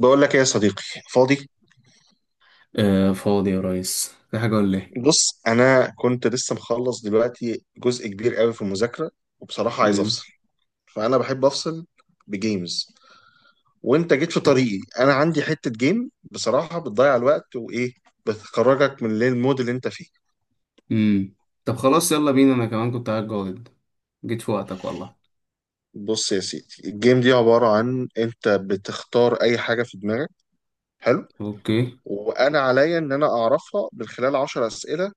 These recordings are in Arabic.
بقول لك ايه يا صديقي؟ فاضي. آه، فاضي يا ريس، في حاجة ولا ايه؟ بص، انا كنت لسه مخلص دلوقتي جزء كبير قوي في المذاكره، وبصراحه عايز امم افصل. فانا بحب افصل بجيمز، وانت جيت في طريقي. انا عندي حته جيم بصراحه بتضيع الوقت وايه، بتخرجك من المود اللي انت فيه. امم طب، خلاص، يلا بينا، انا كمان كنت قاعد جاهد. جيت في وقتك والله. بص يا سيدي، الجيم دي عباره عن انت بتختار اي حاجه في دماغك. حلو. اوكي. وانا عليا ان انا اعرفها من خلال 10 اسئله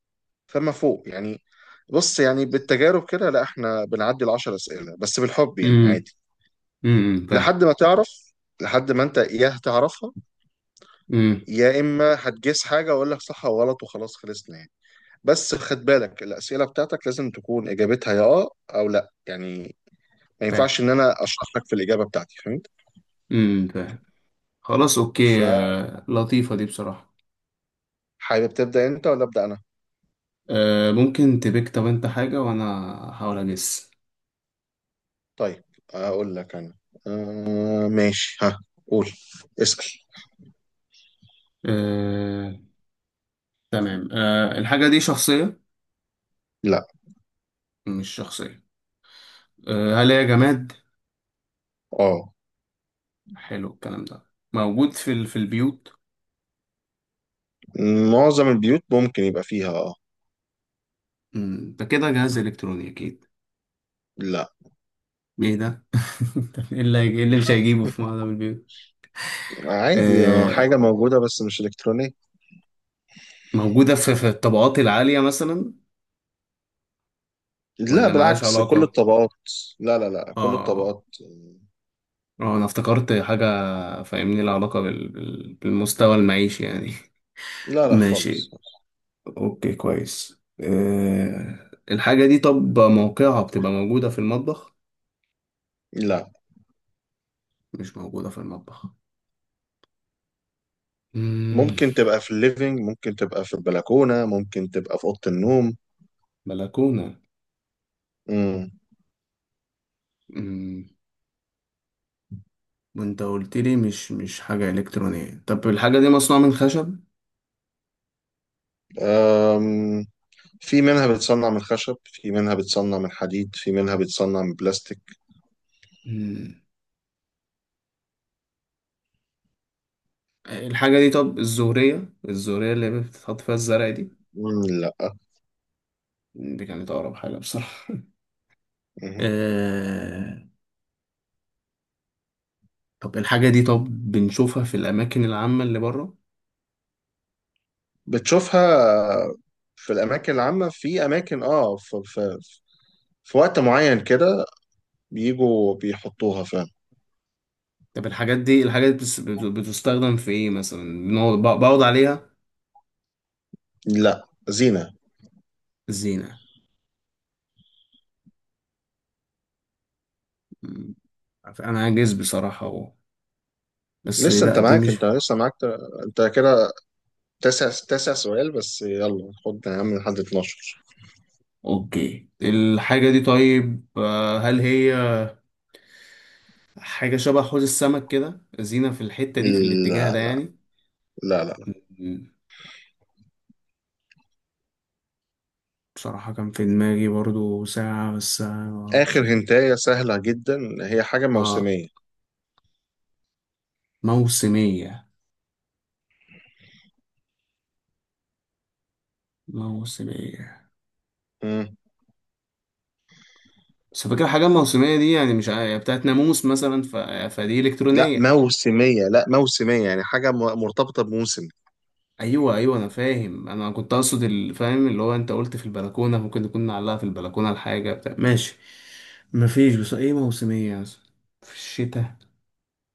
فما فوق يعني. بص يعني بالتجارب كده لا، احنا بنعدي العشر اسئله، بس بالحب يعني امم عادي فاهم. لحد ما تعرف، لحد ما انت يا هتعرفها، امم يا اما هتجيس حاجه واقول لك صح او غلط وخلاص خلصنا يعني. بس خد بالك، الاسئله بتاعتك لازم تكون اجابتها يا اه او لا يعني، ما فاهم. ينفعش ان انا اشرح لك في الاجابه بتاعتي، فهمت؟ فاهم. خلاص، اوكي. فحابب آه، لطيفة دي بصراحة. تبدا انت ولا ابدا انا؟ آه، ممكن تبيك، طب انت حاجة وانا هحاول اجس. طيب اقول لك انا. آه ماشي، ها، قول، اسال. آه، تمام. آه، الحاجة دي شخصية؟ لا. مش شخصية. آه، هل هي جماد؟ اه حلو الكلام ده. موجود في البيوت. معظم البيوت ممكن يبقى فيها، اه. ده كده جهاز إلكتروني أكيد. لا، ايه ده؟ طب، إيه اللي مش هيجيبه في معظم البيوت؟ عادي آه، آه، حاجة موجودة بس مش إلكترونية. موجودة في الطبقات العالية مثلا. لا ولا ملهاش بالعكس، كل علاقة؟ الطبقات. لا كل اه، الطبقات. اه، انا افتكرت حاجة. فاهمني، لها علاقة بالمستوى المعيشي يعني. لا لا خالص. ماشي. اوكي، كويس. آه، الحاجة دي، طب موقعها بتبقى موجودة في المطبخ؟ لا، مش موجودة في المطبخ. مم. ممكن تبقى في الليفينج، ممكن تبقى في البلكونة، ممكن تبقى في أوضة النوم. بلكونة. مم. مم. وانت قلت لي مش حاجة إلكترونية. طب الحاجة دي مصنوعة من خشب؟ أم، في منها بتصنع من خشب، في منها بتصنع من حديد، في منها بتصنع من بلاستيك. مم. الحاجة دي، طب الزورية اللي بتتحط فيها الزرع دي؟ مم، لا. دي كانت أقرب حاجة بصراحة. مم. آه... طب الحاجة دي، طب بنشوفها في الأماكن العامة اللي بره؟ بتشوفها في الأماكن العامة، في أماكن اه في وقت معين كده بيجوا بيحطوها فعلا. طب الحاجات دي بتستخدم في إيه مثلا؟ بنقعد، بقعد عليها؟ لا، زينة. زينة. مم. أنا عاجز بصراحة أهو. بس لسه لا، انت دي معاك، مش. انت لسه معاك، انت كده تسع سؤال، بس يلا خد يا عم لحد 12. أوكي، الحاجة دي، طيب هل هي حاجة شبه حوض السمك كده، زينة في الحتة دي في الاتجاه لا ده يعني؟ لا لا بصراحة كان في دماغي برضو ساعة، بس اخر معرفش ليه. هنتايه سهله جدا، هي حاجه اه، موسميه. موسمية، موسمية. مم. بس، فاكر حاجة موسمية دي يعني، مش بتاعت ناموس مثلا. فدي لا إلكترونية. موسميه، لا موسميه يعني حاجه مرتبطه بموسم. أيوة، أيوة، أنا فاهم. أنا كنت أقصد فاهم اللي هو أنت قلت في البلكونة ممكن تكون نعلقها في البلكونة، الحاجة بتاع، ماشي. مفيش، بس إيه موسمية مثلا؟ في الشتاء؟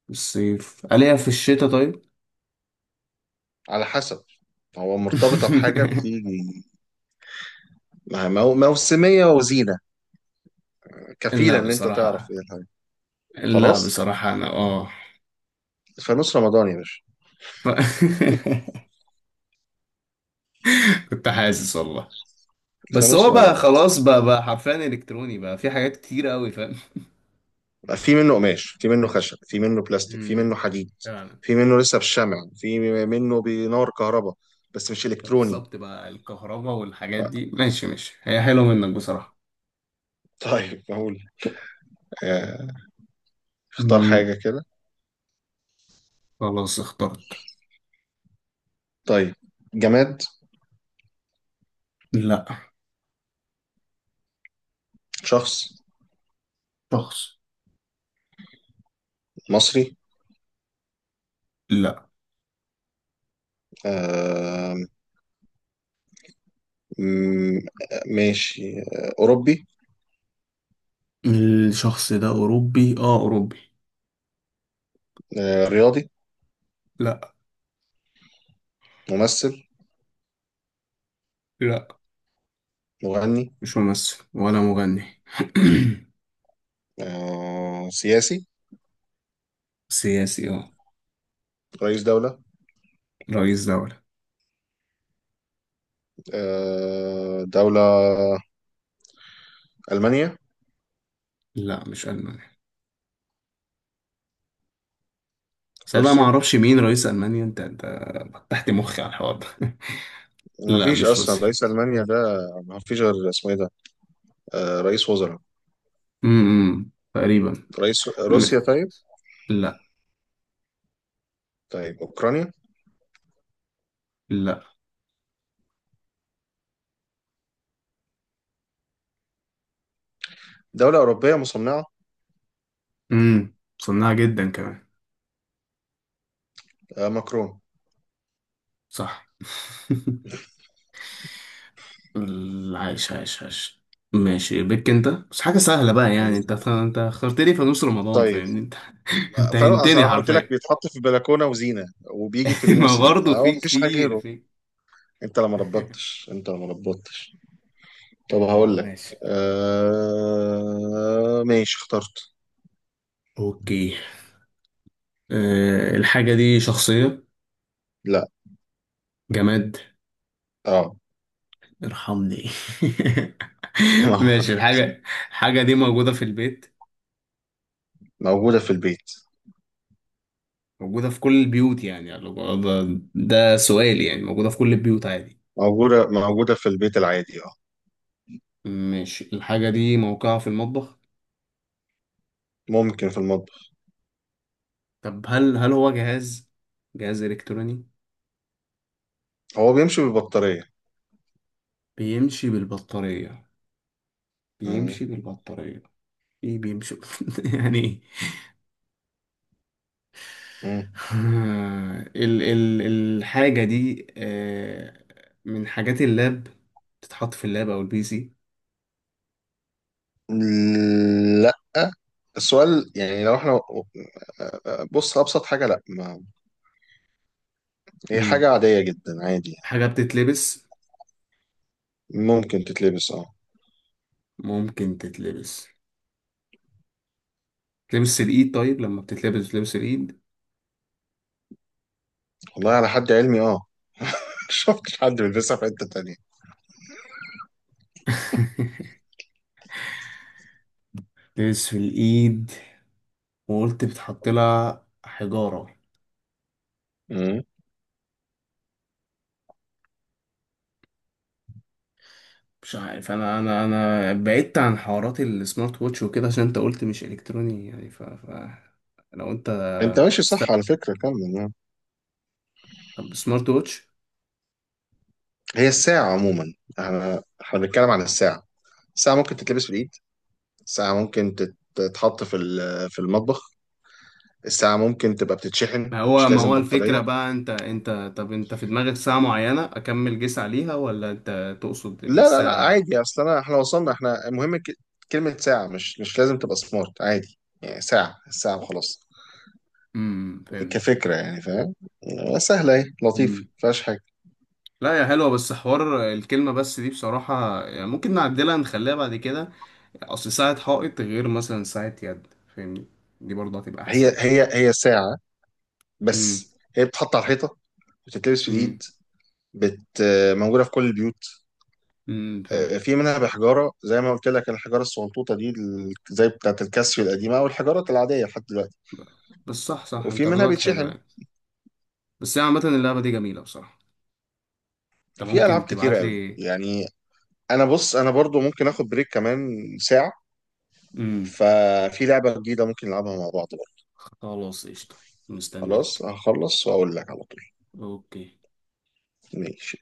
في الصيف ألاقيها؟ في الشتاء؟ طيب. على حسب، هو مرتبطه بحاجه في موسميه وزينه، لا كفيله ان انت تعرف بصراحة، ايه الحاجه. لا خلاص، بصراحة، أنا. فانوس رمضان يا باشا. ف... كنت حاسس والله. بس فانوس هو بقى رمضان، خلاص، بقى حرفيا الكتروني، بقى في حاجات كتير قوي، فاهم. في منه قماش، في منه خشب، في منه بلاستيك، في منه امم حديد، فعلا. في منه لسه بالشمع، في منه بنار كهرباء، بس مش الكتروني. بالظبط بقى الكهرباء والحاجات دي، ماشي، ماشي، هي حلوة منك بصراحة. طيب اقول آه، اختار مم، حاجة كده. خلاص، اخترت. طيب. جماد. لا. شخص. شخص. مصري. لا. آه، م- ماشي آه، أوروبي. الشخص ده أوروبي، اه، أوروبي. آه، رياضي. لا، ممثل. لا، مغني. مش ممثل ولا مغني. آه، سياسي. سياسي، اه، رئيس دولة. رئيس دولة. آه، دولة. ألمانيا. لا، مش ألمانيا. بس أنا بقى روسيا. معرفش مين رئيس ألمانيا، انت فتحت مخي على الحوار ده. ما لا، فيش مش اصلا روسيا. رئيس المانيا ده. ما فيش غير اسمه ايه ده. آه، رئيس وزراء. تقريبا. رئيس م- روسيا؟ طيب. لا. طيب اوكرانيا. لا. دوله اوروبيه مصنعه. امم صناعة جدا كمان. آه ماكرون. صح. عايش، عايش، عايش. ماشي بك، انت بس حاجة سهلة بقى يعني، انت اخترت لي في نص رمضان، طيب فاهمني انت. انت فاروق، أصل هنتني انا قلت لك حرفيا. بيتحط في بلكونه وزينه وبيجي في ما الموسم، برضه فهو في ما فيش حاجه كتير غيره. في. انت لما ربطتش. طب آه، هقول لك. ماشي. آه ماشي اخترت. اوكي. آه، الحاجة دي شخصية؟ لا. جماد؟ اه. ارحمني. ماشي، الحاجة. الحاجة دي موجودة في البيت. موجوده في البيت. موجودة في كل البيوت يعني؟ ده ده سؤال يعني، موجودة في كل البيوت عادي؟ موجوده في البيت العادي اه. ماشي، الحاجة دي موقعها في المطبخ؟ ممكن في المطبخ. طب هل هو جهاز إلكتروني؟ هو بيمشي بالبطاريه. بيمشي بالبطارية؟ بيمشي بالبطارية؟ ايه بيمشي؟ يعني ايه؟ مم. آه، ال ال الحاجة دي، من حاجات اللاب، بتتحط في اللاب او البي سي. لا. السؤال يعني لو احنا، بص، ابسط حاجه لا، ما هي مم. حاجه عاديه جدا عادي. حاجة بتتلبس؟ يعني. ممكن تتلبس اه. ممكن تتلبس، تلبس الايد. طيب لما بتتلبس، بتلبس الايد؟ والله على حد علمي اه، شفتش حد بيلبسها في حته تانية. تلبس في الايد. وقلت بتحط لها حجارة. مم. مش عارف. انا بعدت عن حوارات السمارت ووتش وكده، عشان انت قلت مش الكتروني يعني. لو انت، انت ماشي استنى. صح على فكره، كمل آه. طب سمارت ووتش؟ هي الساعه عموما، احنا بنتكلم عن الساعه. الساعه ممكن تتلبس في الايد، الساعه ممكن تتحط في في المطبخ، الساعه ممكن تبقى بتتشحن، ما هو مش ما لازم هو الفكرة بطاريه. بقى، انت. طب انت في دماغك ساعة معينة، اكمل جيس عليها، ولا انت تقصد لا الساعة؟ عادي، اصل انا احنا وصلنا، احنا المهم كلمة ساعة مش لازم تبقى سمارت، عادي يعني، ساعة الساعة وخلاص. فهمت. كفكرة يعني فاهم، سهلة اهي لطيفة مفيهاش حاجة. لا، يا حلوة، بس حوار الكلمة بس دي بصراحة يعني ممكن نعدلها نخليها بعد كده. أصل ساعة حائط غير مثلا ساعة يد. فاهمني. دي برضه هتبقى أحسن يعني. هي ساعة، امم بس هي بتتحط على الحيطة، بتتلبس في امم الإيد، بت موجودة في كل البيوت. فاهم. آه، في منها بحجارة زي ما قلت لك، الحجارة الصغنطوطة دي زي بتاعة الكاسيو القديمة، أو الحجارات العادية لحد دلوقتي. بس، صح، صح، وفي أنت منها ردودك حلوة بيتشحن. يعني. بس هي عامة، اللعبة دي جميلة بصراحة. أنت في ألعاب ممكن كتيرة تبعت قوي لي. يعني. أنا بص أنا برضو ممكن آخد بريك كمان ساعة. امم ففي لعبة جديدة ممكن نلعبها مع بعض بقى. خلاص، قشطة. خلاص مستنيك. هخلص وأقول لك على طول. أوكي. ماشي.